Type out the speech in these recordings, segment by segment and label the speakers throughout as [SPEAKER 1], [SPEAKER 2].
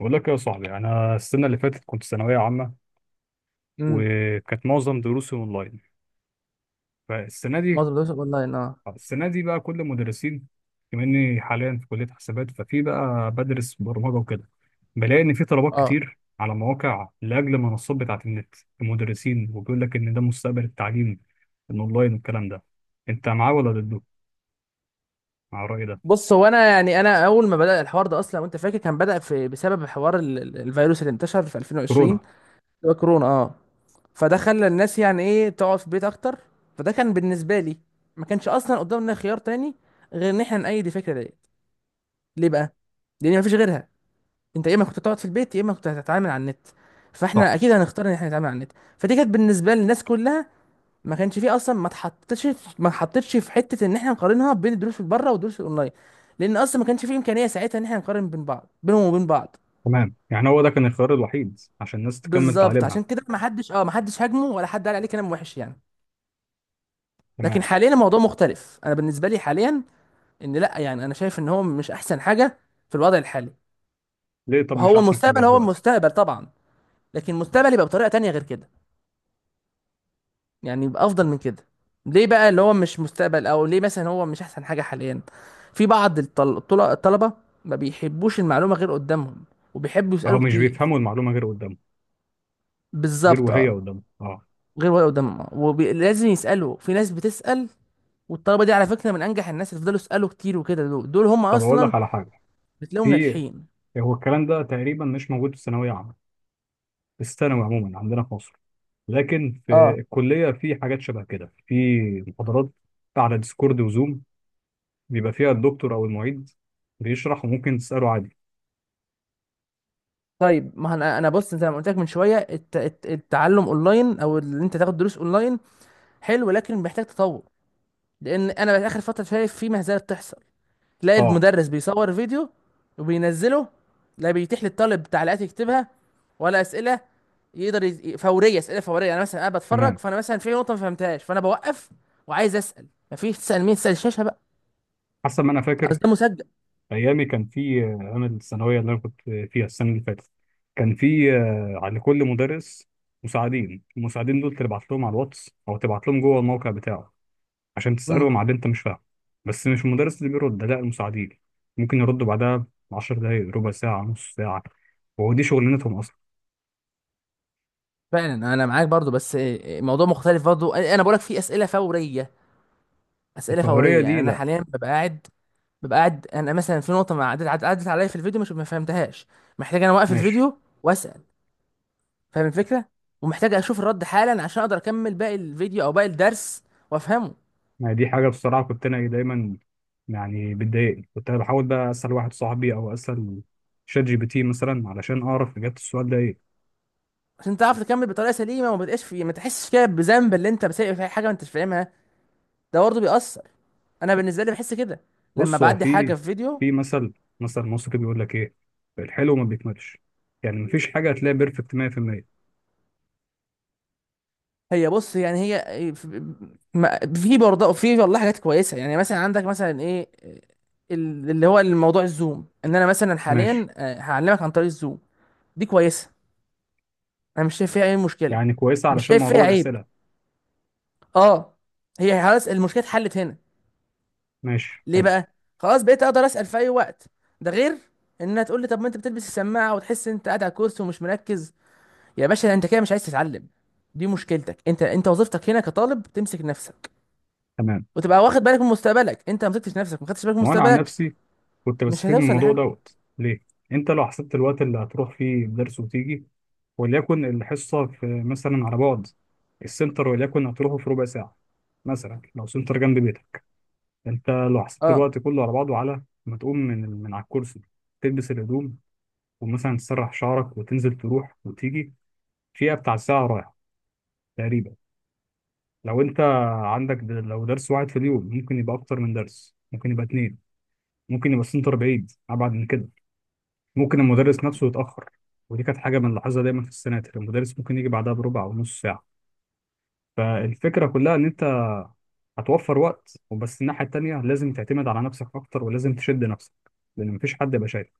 [SPEAKER 1] بقول لك يا صاحبي، انا السنه اللي فاتت كنت ثانويه عامه،
[SPEAKER 2] امم،
[SPEAKER 1] وكانت معظم دروسي اونلاين. فالسنه دي
[SPEAKER 2] معظم دروس اونلاين اه،
[SPEAKER 1] السنه دي بقى كل المدرسين، بما اني حاليا في كليه حسابات ففي بقى بدرس برمجه وكده، بلاقي ان في طلبات
[SPEAKER 2] اه،
[SPEAKER 1] كتير على مواقع لاجل المنصات بتاعه النت. المدرسين وبيقول لك ان ده مستقبل التعليم الاونلاين والكلام ده، انت معاه ولا ضده؟ مع الراي ده؟
[SPEAKER 2] بص، هو انا يعني اول ما بدأ الحوار ده اصلا، وانت فاكر كان بدأ في بسبب حوار الفيروس اللي انتشر في 2020.
[SPEAKER 1] كورونا.
[SPEAKER 2] اللي هو كورونا اه. فده خلى الناس، يعني ايه، تقعد في البيت اكتر. فده كان بالنسبه لي، ما كانش اصلا قدامنا خيار تاني غير ان احنا نأيد الفكره ديت. ليه بقى؟ لان مفيش غيرها. انت يا اما كنت تقعد في البيت، يا اما كنت هتتعامل على النت،
[SPEAKER 1] صح.
[SPEAKER 2] فاحنا اكيد هنختار ان احنا نتعامل على النت. فدي كانت بالنسبه للناس كلها، ما كانش فيه اصلا، ما اتحطتش في حته ان احنا نقارنها بين الدروس اللي بره والدروس الاونلاين، لان اصلا ما كانش فيه امكانيه ساعتها ان احنا نقارن بين بعض، بينهم وبين بعض.
[SPEAKER 1] تمام، يعني هو ده كان الخيار الوحيد عشان الناس تكمل
[SPEAKER 2] بالظبط، عشان
[SPEAKER 1] تعليمها.
[SPEAKER 2] كده ما حدش هاجمه، ولا حد قال عليه كلام وحش يعني. لكن
[SPEAKER 1] تمام،
[SPEAKER 2] حاليا الموضوع مختلف. انا بالنسبه لي حاليا، ان لا يعني، انا شايف ان هو مش احسن حاجه في الوضع الحالي.
[SPEAKER 1] ليه طب مش
[SPEAKER 2] وهو
[SPEAKER 1] احسن حاجه
[SPEAKER 2] المستقبل، هو
[SPEAKER 1] دلوقتي؟
[SPEAKER 2] المستقبل طبعا، لكن المستقبل يبقى بطريقه تانية غير كده، يعني يبقى افضل من كده. ليه بقى اللي هو مش مستقبل، او ليه مثلا هو مش احسن حاجه حاليا؟ في بعض الطلبه ما بيحبوش المعلومه غير قدامهم، وبيحبوا
[SPEAKER 1] اهو
[SPEAKER 2] يسالوا
[SPEAKER 1] مش
[SPEAKER 2] كتير.
[SPEAKER 1] بيفهموا المعلومه غير قدامه. غير
[SPEAKER 2] بالظبط
[SPEAKER 1] وهي
[SPEAKER 2] اه.
[SPEAKER 1] قدامه، اه.
[SPEAKER 2] غير ولا قدامهم اه، ولازم يسالوا. في ناس بتسال، والطلبه دي على فكره من انجح الناس، اللي فضلوا يسالوا كتير وكده. دول هم
[SPEAKER 1] طب اقول
[SPEAKER 2] اصلا
[SPEAKER 1] لك على حاجه.
[SPEAKER 2] بتلاقيهم
[SPEAKER 1] في
[SPEAKER 2] ناجحين.
[SPEAKER 1] هو الكلام ده تقريبا مش موجود في الثانويه عامه، في الثانوي عموما عندنا في مصر، لكن في
[SPEAKER 2] اه.
[SPEAKER 1] الكليه في حاجات شبه كده، في محاضرات على ديسكورد وزوم بيبقى فيها الدكتور او المعيد بيشرح، وممكن تساله عادي.
[SPEAKER 2] طيب، ما انا بص، زي ما قلت لك من شويه، التعلم اونلاين او اللي انت تاخد دروس اونلاين، حلو لكن محتاج تطور. لان انا بقى اخر فتره شايف في مهزله بتحصل. تلاقي
[SPEAKER 1] اه،
[SPEAKER 2] المدرس بيصور فيديو وبينزله، لا بيتيح للطالب تعليقات يكتبها، ولا اسئله. يقدر يز... فوريه اسئله فوريه. انا مثلا بتفرج،
[SPEAKER 1] تمام.
[SPEAKER 2] فانا مثلا في نقطه ما فهمتهاش، فانا بوقف وعايز اسال. مفيش. تسال مين؟ تسال الشاشه بقى؟
[SPEAKER 1] حسب ما انا
[SPEAKER 2] اصل
[SPEAKER 1] فاكر
[SPEAKER 2] ده مسجل.
[SPEAKER 1] ايامي، كان في انا الثانويه اللي انا كنت فيها السنه اللي فاتت، كان في على كل مدرس مساعدين. المساعدين دول تبعت لهم على الواتس او تبعت لهم جوه الموقع بتاعه عشان
[SPEAKER 2] امم،
[SPEAKER 1] تسالهم على اللي انت مش فاهمه. بس مش المدرس اللي بيرد، لا، المساعدين، ممكن يردوا بعدها 10 دقائق، ربع ساعه، نص ساعه، وهو دي شغلانتهم اصلا.
[SPEAKER 2] فعلا انا معاك برضو. بس إيه، موضوع مختلف برضو. انا بقولك في اسئله فوريه. اسئله
[SPEAKER 1] الفوريه
[SPEAKER 2] فوريه يعني
[SPEAKER 1] دي
[SPEAKER 2] انا
[SPEAKER 1] لا.
[SPEAKER 2] حاليا ببقى قاعد، انا مثلا في نقطه ما عدت عليا في الفيديو، مش ما فهمتهاش. محتاج انا اوقف
[SPEAKER 1] ماشي،
[SPEAKER 2] الفيديو واسال. فاهم الفكره؟ ومحتاج اشوف الرد حالا عشان اقدر اكمل باقي الفيديو او باقي الدرس وافهمه.
[SPEAKER 1] يعني دي حاجه بصراحه كنت انا إيه دايما، يعني بتضايقني، كنت أنا بحاول بقى اسال واحد صاحبي او اسال شات جي بي تي مثلا علشان اعرف اجابه السؤال ده ايه؟
[SPEAKER 2] عشان تعرف تكمل بطريقه سليمه، وما تبقاش في، ما تحسش كده بذنب اللي انت بسيء في حاجه ما انتش فاهمها. ده برضه بيأثر. انا بالنسبه لي بحس كده لما
[SPEAKER 1] بص، هو
[SPEAKER 2] بعدي حاجه
[SPEAKER 1] في
[SPEAKER 2] في فيديو.
[SPEAKER 1] في مثل مصري بيقول لك ايه، الحلو ما بيكملش، يعني مفيش حاجه هتلاقي بيرفكت 100%.
[SPEAKER 2] هي بص، يعني هي في في برضه في والله حاجات كويسه. يعني مثلا عندك مثلا ايه، اللي هو الموضوع الزوم، ان انا مثلا حاليا
[SPEAKER 1] ماشي،
[SPEAKER 2] هعلمك عن طريق الزوم، دي كويسه. انا مش شايف فيها اي مشكله،
[SPEAKER 1] يعني كويسه
[SPEAKER 2] مش
[SPEAKER 1] علشان
[SPEAKER 2] شايف فيها
[SPEAKER 1] موضوع
[SPEAKER 2] عيب.
[SPEAKER 1] الاسئله.
[SPEAKER 2] اه، هي خلاص المشكله اتحلت هنا.
[SPEAKER 1] ماشي،
[SPEAKER 2] ليه
[SPEAKER 1] حلو.
[SPEAKER 2] بقى؟ خلاص بقيت اقدر اسال في اي وقت. ده غير انها تقول لي، طب ما انت بتلبس السماعه وتحس انت قاعد على الكرسي ومش مركز. يا باشا، انت كده مش عايز تتعلم. دي مشكلتك انت. انت وظيفتك هنا كطالب تمسك نفسك،
[SPEAKER 1] تمام.
[SPEAKER 2] وتبقى واخد بالك من مستقبلك. انت ما مسكتش نفسك، ما خدتش بالك من
[SPEAKER 1] وانا عن
[SPEAKER 2] مستقبلك،
[SPEAKER 1] نفسي كنت
[SPEAKER 2] مش
[SPEAKER 1] بستفيد من
[SPEAKER 2] هتوصل
[SPEAKER 1] الموضوع
[SPEAKER 2] لحاجه.
[SPEAKER 1] دوت ليه. انت لو حسبت الوقت اللي هتروح فيه الدرس وتيجي، وليكن الحصه في مثلا على بعد السنتر وليكن هتروحه في ربع ساعه، مثلا لو سنتر جنب بيتك، انت لو حسبت
[SPEAKER 2] اه،
[SPEAKER 1] الوقت كله على بعضه، على ما تقوم من على الكرسي، تلبس الهدوم، ومثلا تسرح شعرك وتنزل تروح وتيجي، فيها بتاع ساعة رايحة تقريبا. لو انت لو درس واحد في اليوم، ممكن يبقى اكتر من درس، ممكن يبقى اتنين، ممكن يبقى السنتر بعيد ابعد من كده، ممكن المدرس نفسه يتأخر. ودي كانت حاجة بنلاحظها دايما في السناتر، المدرس ممكن يجي بعدها بربع او نص ساعة. فالفكرة كلها ان انت هتوفر وقت وبس، الناحية التانية لازم تعتمد على نفسك اكتر ولازم تشد نفسك لان مفيش حد يبقى شايف.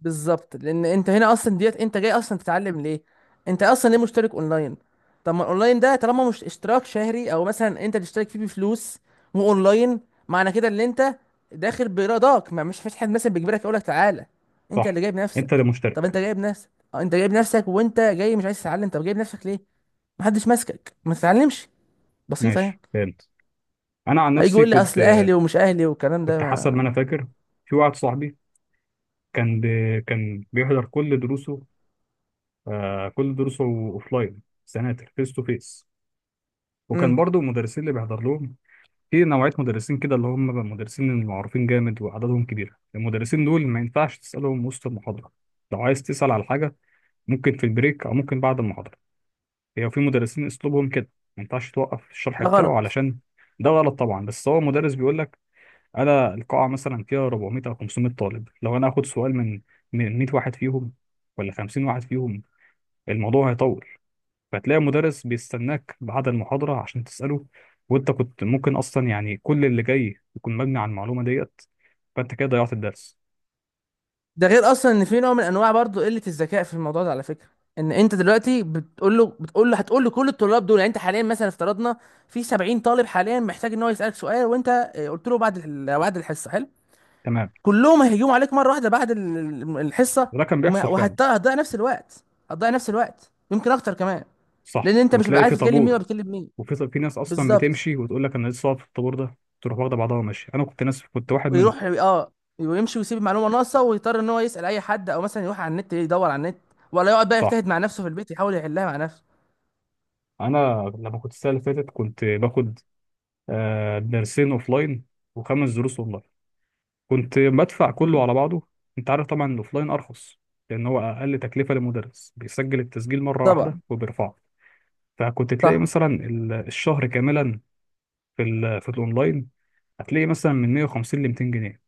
[SPEAKER 2] بالظبط. لان انت هنا اصلا ديت، انت جاي اصلا تتعلم ليه؟ انت اصلا ليه مشترك اونلاين؟ طب ما الاونلاين ده، طالما مش اشتراك شهري او مثلا انت تشترك فيه بفلوس، واونلاين، معنى كده ان انت داخل برضاك، ما مش فيش حد مثلا بيجبرك يقول لك تعالى. انت
[SPEAKER 1] صح.
[SPEAKER 2] اللي جايب
[SPEAKER 1] انت اللي
[SPEAKER 2] نفسك. طب انت
[SPEAKER 1] مشترك.
[SPEAKER 2] جايب نفسك، اه، انت جايب نفسك وانت جاي مش عايز تتعلم، طب جايب نفسك ليه؟ محدش ماسكك، ما تتعلمش. بسيطه يعني.
[SPEAKER 1] ماشي، فهمت. انا عن
[SPEAKER 2] هيجي
[SPEAKER 1] نفسي
[SPEAKER 2] يقول لي
[SPEAKER 1] كنت
[SPEAKER 2] اصل اهلي ومش اهلي والكلام ده
[SPEAKER 1] كنت حسب
[SPEAKER 2] ما...
[SPEAKER 1] ما انا فاكر، في واحد صاحبي كان بيحضر كل دروسه، كل دروسه اوفلاين، سناتر فيس تو فيس، وكان
[SPEAKER 2] مم.
[SPEAKER 1] برضو المدرسين اللي بيحضر لهم. في نوعيه مدرسين كده اللي هم مدرسين المعروفين جامد وعددهم كبير، المدرسين دول ما ينفعش تسالهم وسط المحاضره. لو عايز تسال على حاجه، ممكن في البريك او ممكن بعد المحاضره. هي في مدرسين اسلوبهم كده، ما ينفعش توقف الشرح
[SPEAKER 2] ده
[SPEAKER 1] بتاعه
[SPEAKER 2] غلط.
[SPEAKER 1] علشان. ده غلط طبعا، بس هو مدرس بيقول لك انا القاعه مثلا فيها 400 او 500 طالب، لو انا اخد سؤال من 100 واحد فيهم، ولا 50 واحد فيهم، الموضوع هيطول. فتلاقي مدرس بيستناك بعد المحاضره عشان تساله، وانت كنت ممكن اصلا يعني كل اللي جاي يكون مبني على المعلومه ديت، فانت كده ضيعت الدرس.
[SPEAKER 2] ده غير اصلا ان في نوع من انواع برضو قله الذكاء في الموضوع ده على فكره. ان انت دلوقتي بتقول له هتقول له كل الطلاب دول، يعني انت حاليا مثلا افترضنا في 70 طالب حاليا محتاج ان هو يسالك سؤال، وانت قلت له بعد بعد الحصه، حلو.
[SPEAKER 1] تمام.
[SPEAKER 2] كلهم هيهجموا عليك مره واحده بعد الحصه.
[SPEAKER 1] وده كان بيحصل فعلا.
[SPEAKER 2] وهتضيع نفس الوقت، هتضيع نفس الوقت يمكن اكتر كمان. لان
[SPEAKER 1] صح،
[SPEAKER 2] انت مش هتبقى
[SPEAKER 1] وتلاقي في
[SPEAKER 2] عارف تكلم مين
[SPEAKER 1] طابور.
[SPEAKER 2] ولا بتكلم مين.
[SPEAKER 1] وفي في ناس اصلا
[SPEAKER 2] بالظبط.
[SPEAKER 1] بتمشي وتقول لك انا لسه واقف في الطابور ده، تروح واخده بعضها وماشي، انا كنت ناس كنت واحد منهم.
[SPEAKER 2] ويروح اه، ويمشي ويسيب المعلومه ناقصه، ويضطر ان هو يسال اي حد، او مثلا يروح على النت، يدور على النت، ولا يقعد بقى
[SPEAKER 1] صح.
[SPEAKER 2] يجتهد مع نفسه في البيت يحاول يحلها مع نفسه.
[SPEAKER 1] انا لما كنت السنه اللي فاتت كنت باخد درسين اوفلاين وخمس دروس اونلاين، كنت بدفع كله
[SPEAKER 2] امم،
[SPEAKER 1] على بعضه. انت عارف طبعا الاوفلاين ارخص، لان هو اقل تكلفه، للمدرس بيسجل التسجيل مره واحده
[SPEAKER 2] طبعا.
[SPEAKER 1] وبيرفعه. فكنت تلاقي
[SPEAKER 2] صح.
[SPEAKER 1] مثلا الشهر كاملا في الاونلاين هتلاقي مثلا من 150 ل 200 جنيه،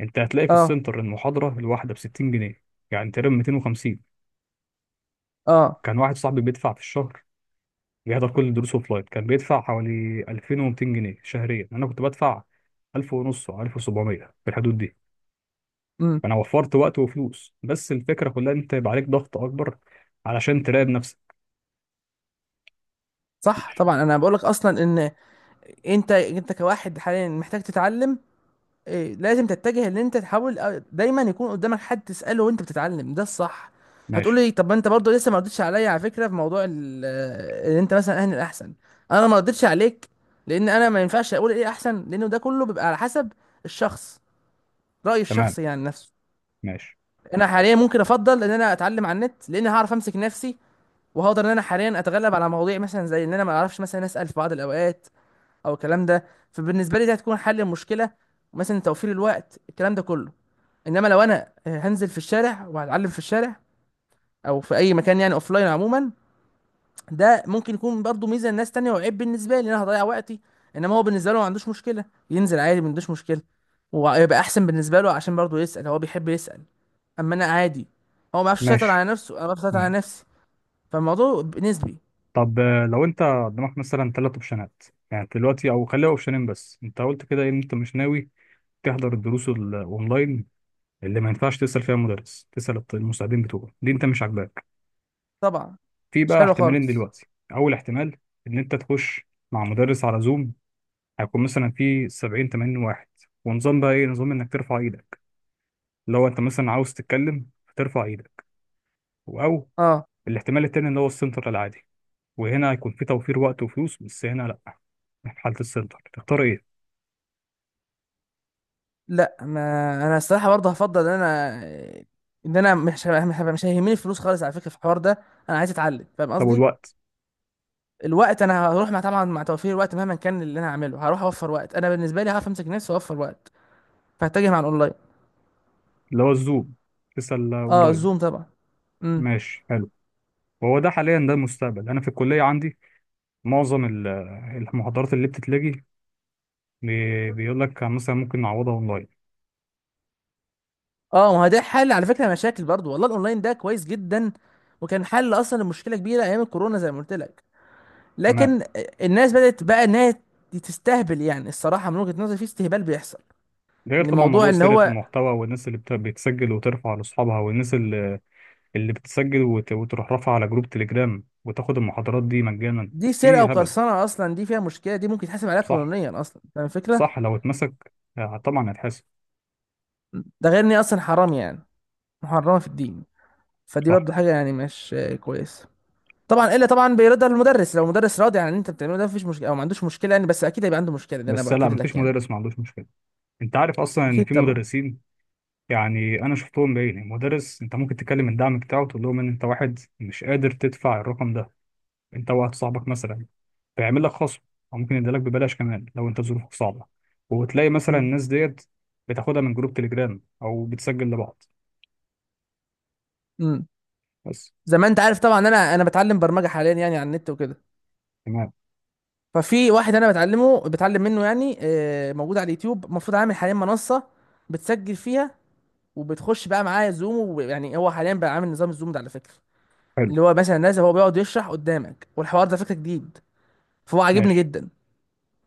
[SPEAKER 1] انت هتلاقي في
[SPEAKER 2] اه،
[SPEAKER 1] السنتر المحاضره الواحده ب 60 جنيه، يعني تقريبا 250.
[SPEAKER 2] اه،
[SPEAKER 1] كان واحد صاحبي بيدفع في الشهر، بيحضر كل الدروس اوفلاين، كان بيدفع حوالي 2200 جنيه شهريا، انا كنت بدفع 1000 ونص او 1700 في الحدود دي.
[SPEAKER 2] امم،
[SPEAKER 1] فانا وفرت وقت وفلوس، بس الفكره كلها إن انت يبقى عليك ضغط اكبر علشان تراقب نفسك.
[SPEAKER 2] صح طبعا. انا بقول لك اصلا ان انت كواحد حاليا محتاج تتعلم، إيه، لازم تتجه ان انت تحاول دايما يكون قدامك حد تساله وانت بتتعلم، ده الصح. هتقول
[SPEAKER 1] ماشي.
[SPEAKER 2] لي طب ما انت برضه لسه ما ردتش عليا على فكره في موضوع ان انت مثلا اهل الاحسن. انا ما ردتش عليك لان انا ما ينفعش اقول ايه احسن، لانه ده كله بيبقى على حسب الشخص، راي
[SPEAKER 1] تمام.
[SPEAKER 2] الشخص يعني نفسه.
[SPEAKER 1] ماشي.
[SPEAKER 2] انا حاليا ممكن افضل ان انا اتعلم على النت، لان هعرف امسك نفسي، وهقدر ان انا حاليا اتغلب على مواضيع مثلا زي ان انا ما اعرفش مثلا اسال في بعض الاوقات، او الكلام ده. فبالنسبه لي ده هتكون حل المشكله، مثلا توفير الوقت، الكلام ده كله. انما لو انا هنزل في الشارع وهتعلم في الشارع، او في اي مكان يعني لاين عموما، ده ممكن يكون برضو ميزه لناس تانية، وعيب بالنسبه لي، ان انا هضيع وقتي. انما هو بالنسبه له ما عندوش مشكله ينزل عادي، ما عندوش مشكله، ويبقى احسن بالنسبه له، عشان برضو يسال، هو بيحب يسال. اما انا عادي. هو ما بيعرفش يسيطر
[SPEAKER 1] ماشي،
[SPEAKER 2] على نفسه، انا ما بعرفش اسيطر على
[SPEAKER 1] تمام.
[SPEAKER 2] نفسي. فالموضوع نسبي.
[SPEAKER 1] طب لو انت قدامك مثلا ثلاث اوبشنات، يعني دلوقتي او خليها اوبشنين بس، انت قلت كده إيه؟ ان انت مش ناوي تحضر الدروس الاونلاين اللي ما ينفعش تسال فيها مدرس، تسال المساعدين بتوعه، دي انت مش عاجباك.
[SPEAKER 2] طبعا.
[SPEAKER 1] في
[SPEAKER 2] مش
[SPEAKER 1] بقى
[SPEAKER 2] حلو
[SPEAKER 1] احتمالين
[SPEAKER 2] خالص.
[SPEAKER 1] دلوقتي. اول احتمال ان انت تخش مع مدرس على زوم، هيكون مثلا في 70 80 واحد، ونظام بقى ايه، نظام انك ترفع ايدك لو انت مثلا عاوز تتكلم، ترفع ايدك، او.
[SPEAKER 2] اه.
[SPEAKER 1] الاحتمال التاني اللي هو السنتر العادي، وهنا هيكون في توفير وقت وفلوس، بس هنا لا، في حالة السنتر تختار ايه؟
[SPEAKER 2] لا، ما انا الصراحه برضه هفضل ان انا، ان انا مش هيهمني الفلوس خالص على فكره في الحوار ده. انا عايز اتعلم، فاهم
[SPEAKER 1] طب
[SPEAKER 2] قصدي؟
[SPEAKER 1] والوقت؟
[SPEAKER 2] الوقت، انا هروح مع طبعا مع توفير الوقت. مهما كان اللي انا هعمله هروح اوفر وقت. انا بالنسبه لي هعرف امسك نفسي واوفر وقت. فهتجه مع الاونلاين.
[SPEAKER 1] اللي هو الزوم، تسأل
[SPEAKER 2] اه،
[SPEAKER 1] اونلاين.
[SPEAKER 2] الزوم طبعا. امم.
[SPEAKER 1] ماشي، حلو. وهو ده حاليا، ده المستقبل، انا في الكلية عندي معظم المحاضرات اللي بتتلغي، بيقول لك مثلا ممكن نعوضها اونلاين.
[SPEAKER 2] اه، ما هو ده حل على فكره مشاكل، برضو والله الاونلاين ده كويس جدا، وكان حل اصلا لمشكله كبيره ايام الكورونا، زي ما قلت لك.
[SPEAKER 1] تمام.
[SPEAKER 2] لكن الناس بدات بقى انها تستهبل يعني. الصراحه من وجهه نظري في استهبال بيحصل.
[SPEAKER 1] ده غير
[SPEAKER 2] ان
[SPEAKER 1] طبعا
[SPEAKER 2] موضوع
[SPEAKER 1] موضوع
[SPEAKER 2] ان
[SPEAKER 1] سيرة
[SPEAKER 2] هو،
[SPEAKER 1] المحتوى، والناس اللي بتسجل وترفع لاصحابها، والناس اللي بتسجل وتروح رافعه على جروب تليجرام وتاخد المحاضرات دي مجانا.
[SPEAKER 2] دي سرقه
[SPEAKER 1] في هبل.
[SPEAKER 2] وقرصنه اصلا. دي فيها مشكله، دي ممكن تحاسب عليها
[SPEAKER 1] صح.
[SPEAKER 2] قانونيا اصلا، فاهم الفكره.
[SPEAKER 1] صح، لو اتمسك طبعا هيتحاسب.
[SPEAKER 2] ده غير ان هي اصلا حرام يعني، محرمه في الدين. فدي
[SPEAKER 1] صح،
[SPEAKER 2] برضه حاجه يعني مش كويسه. طبعا، الا طبعا بيرضى المدرس. لو المدرس راضي عن اللي انت بتعمله ده مفيش مشكله، او ما عندوش مشكله يعني. بس اكيد هيبقى عنده مشكله ده، انا
[SPEAKER 1] بس لا
[SPEAKER 2] باكد لك
[SPEAKER 1] مفيش
[SPEAKER 2] يعني.
[SPEAKER 1] مدرس ما عندوش مشكله. انت عارف اصلا ان
[SPEAKER 2] اكيد
[SPEAKER 1] في
[SPEAKER 2] طبعا.
[SPEAKER 1] مدرسين، يعني انا شفتهم بعيني، مدرس انت ممكن تكلم الدعم بتاعه تقول لهم ان انت واحد مش قادر تدفع الرقم ده، انت واحد صاحبك مثلا، فيعمل لك خصم، او ممكن يديلك ببلاش كمان لو انت ظروفك صعبه، وتلاقي مثلا
[SPEAKER 2] امم.
[SPEAKER 1] الناس ديت بتاخدها من جروب تليجرام او بتسجل لبعض
[SPEAKER 2] امم.
[SPEAKER 1] بس.
[SPEAKER 2] زي ما انت عارف طبعا، انا بتعلم برمجه حاليا، يعني على النت وكده.
[SPEAKER 1] تمام.
[SPEAKER 2] ففي واحد انا بتعلمه، بتعلم منه يعني، موجود على اليوتيوب. المفروض عامل حاليا منصه بتسجل فيها، وبتخش بقى معايا زوم. ويعني هو حاليا بقى عامل نظام الزوم ده على فكره،
[SPEAKER 1] حلو.
[SPEAKER 2] اللي هو مثلا نازل هو بيقعد يشرح قدامك، والحوار ده فكره جديد، فهو عاجبني
[SPEAKER 1] ماشي.
[SPEAKER 2] جدا.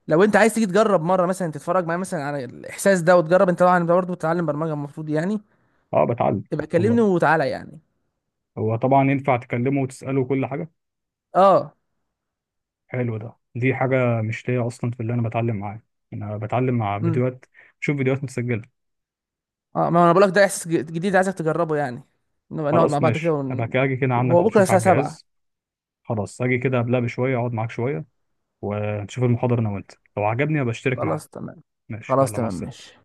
[SPEAKER 2] لو انت عايز تيجي تجرب مره مثلا، تتفرج معايا مثلا على الاحساس ده وتجرب، انت طبعا انت برضه بتتعلم برمجه المفروض يعني،
[SPEAKER 1] اه، بتعلم.
[SPEAKER 2] يبقى كلمني
[SPEAKER 1] والله
[SPEAKER 2] وتعالى يعني.
[SPEAKER 1] هو طبعا ينفع تكلمه وتسأله كل حاجة.
[SPEAKER 2] اه.
[SPEAKER 1] حلو، ده دي حاجة مش ليا أصلا، في اللي أنا بتعلم معاه أنا بتعلم مع
[SPEAKER 2] امم.
[SPEAKER 1] فيديوهات، شوف فيديوهات متسجلة.
[SPEAKER 2] اه، ما انا بقول لك ده احساس جديد، عايزك تجربه يعني. نبقى نقعد مع
[SPEAKER 1] خلاص
[SPEAKER 2] بعض كده
[SPEAKER 1] ماشي، أبقى كده أجي كده عندك
[SPEAKER 2] هو بكره
[SPEAKER 1] نشوف
[SPEAKER 2] الساعه
[SPEAKER 1] على
[SPEAKER 2] 7.
[SPEAKER 1] الجهاز. خلاص، أجي كده قبلها بشوية أقعد معاك شوية، ونشوف المحاضرة أنا وأنت، لو عجبني أبقى أشترك معاك.
[SPEAKER 2] خلاص تمام.
[SPEAKER 1] ماشي،
[SPEAKER 2] خلاص
[SPEAKER 1] يلا مع
[SPEAKER 2] تمام ماشي.
[SPEAKER 1] السلامة.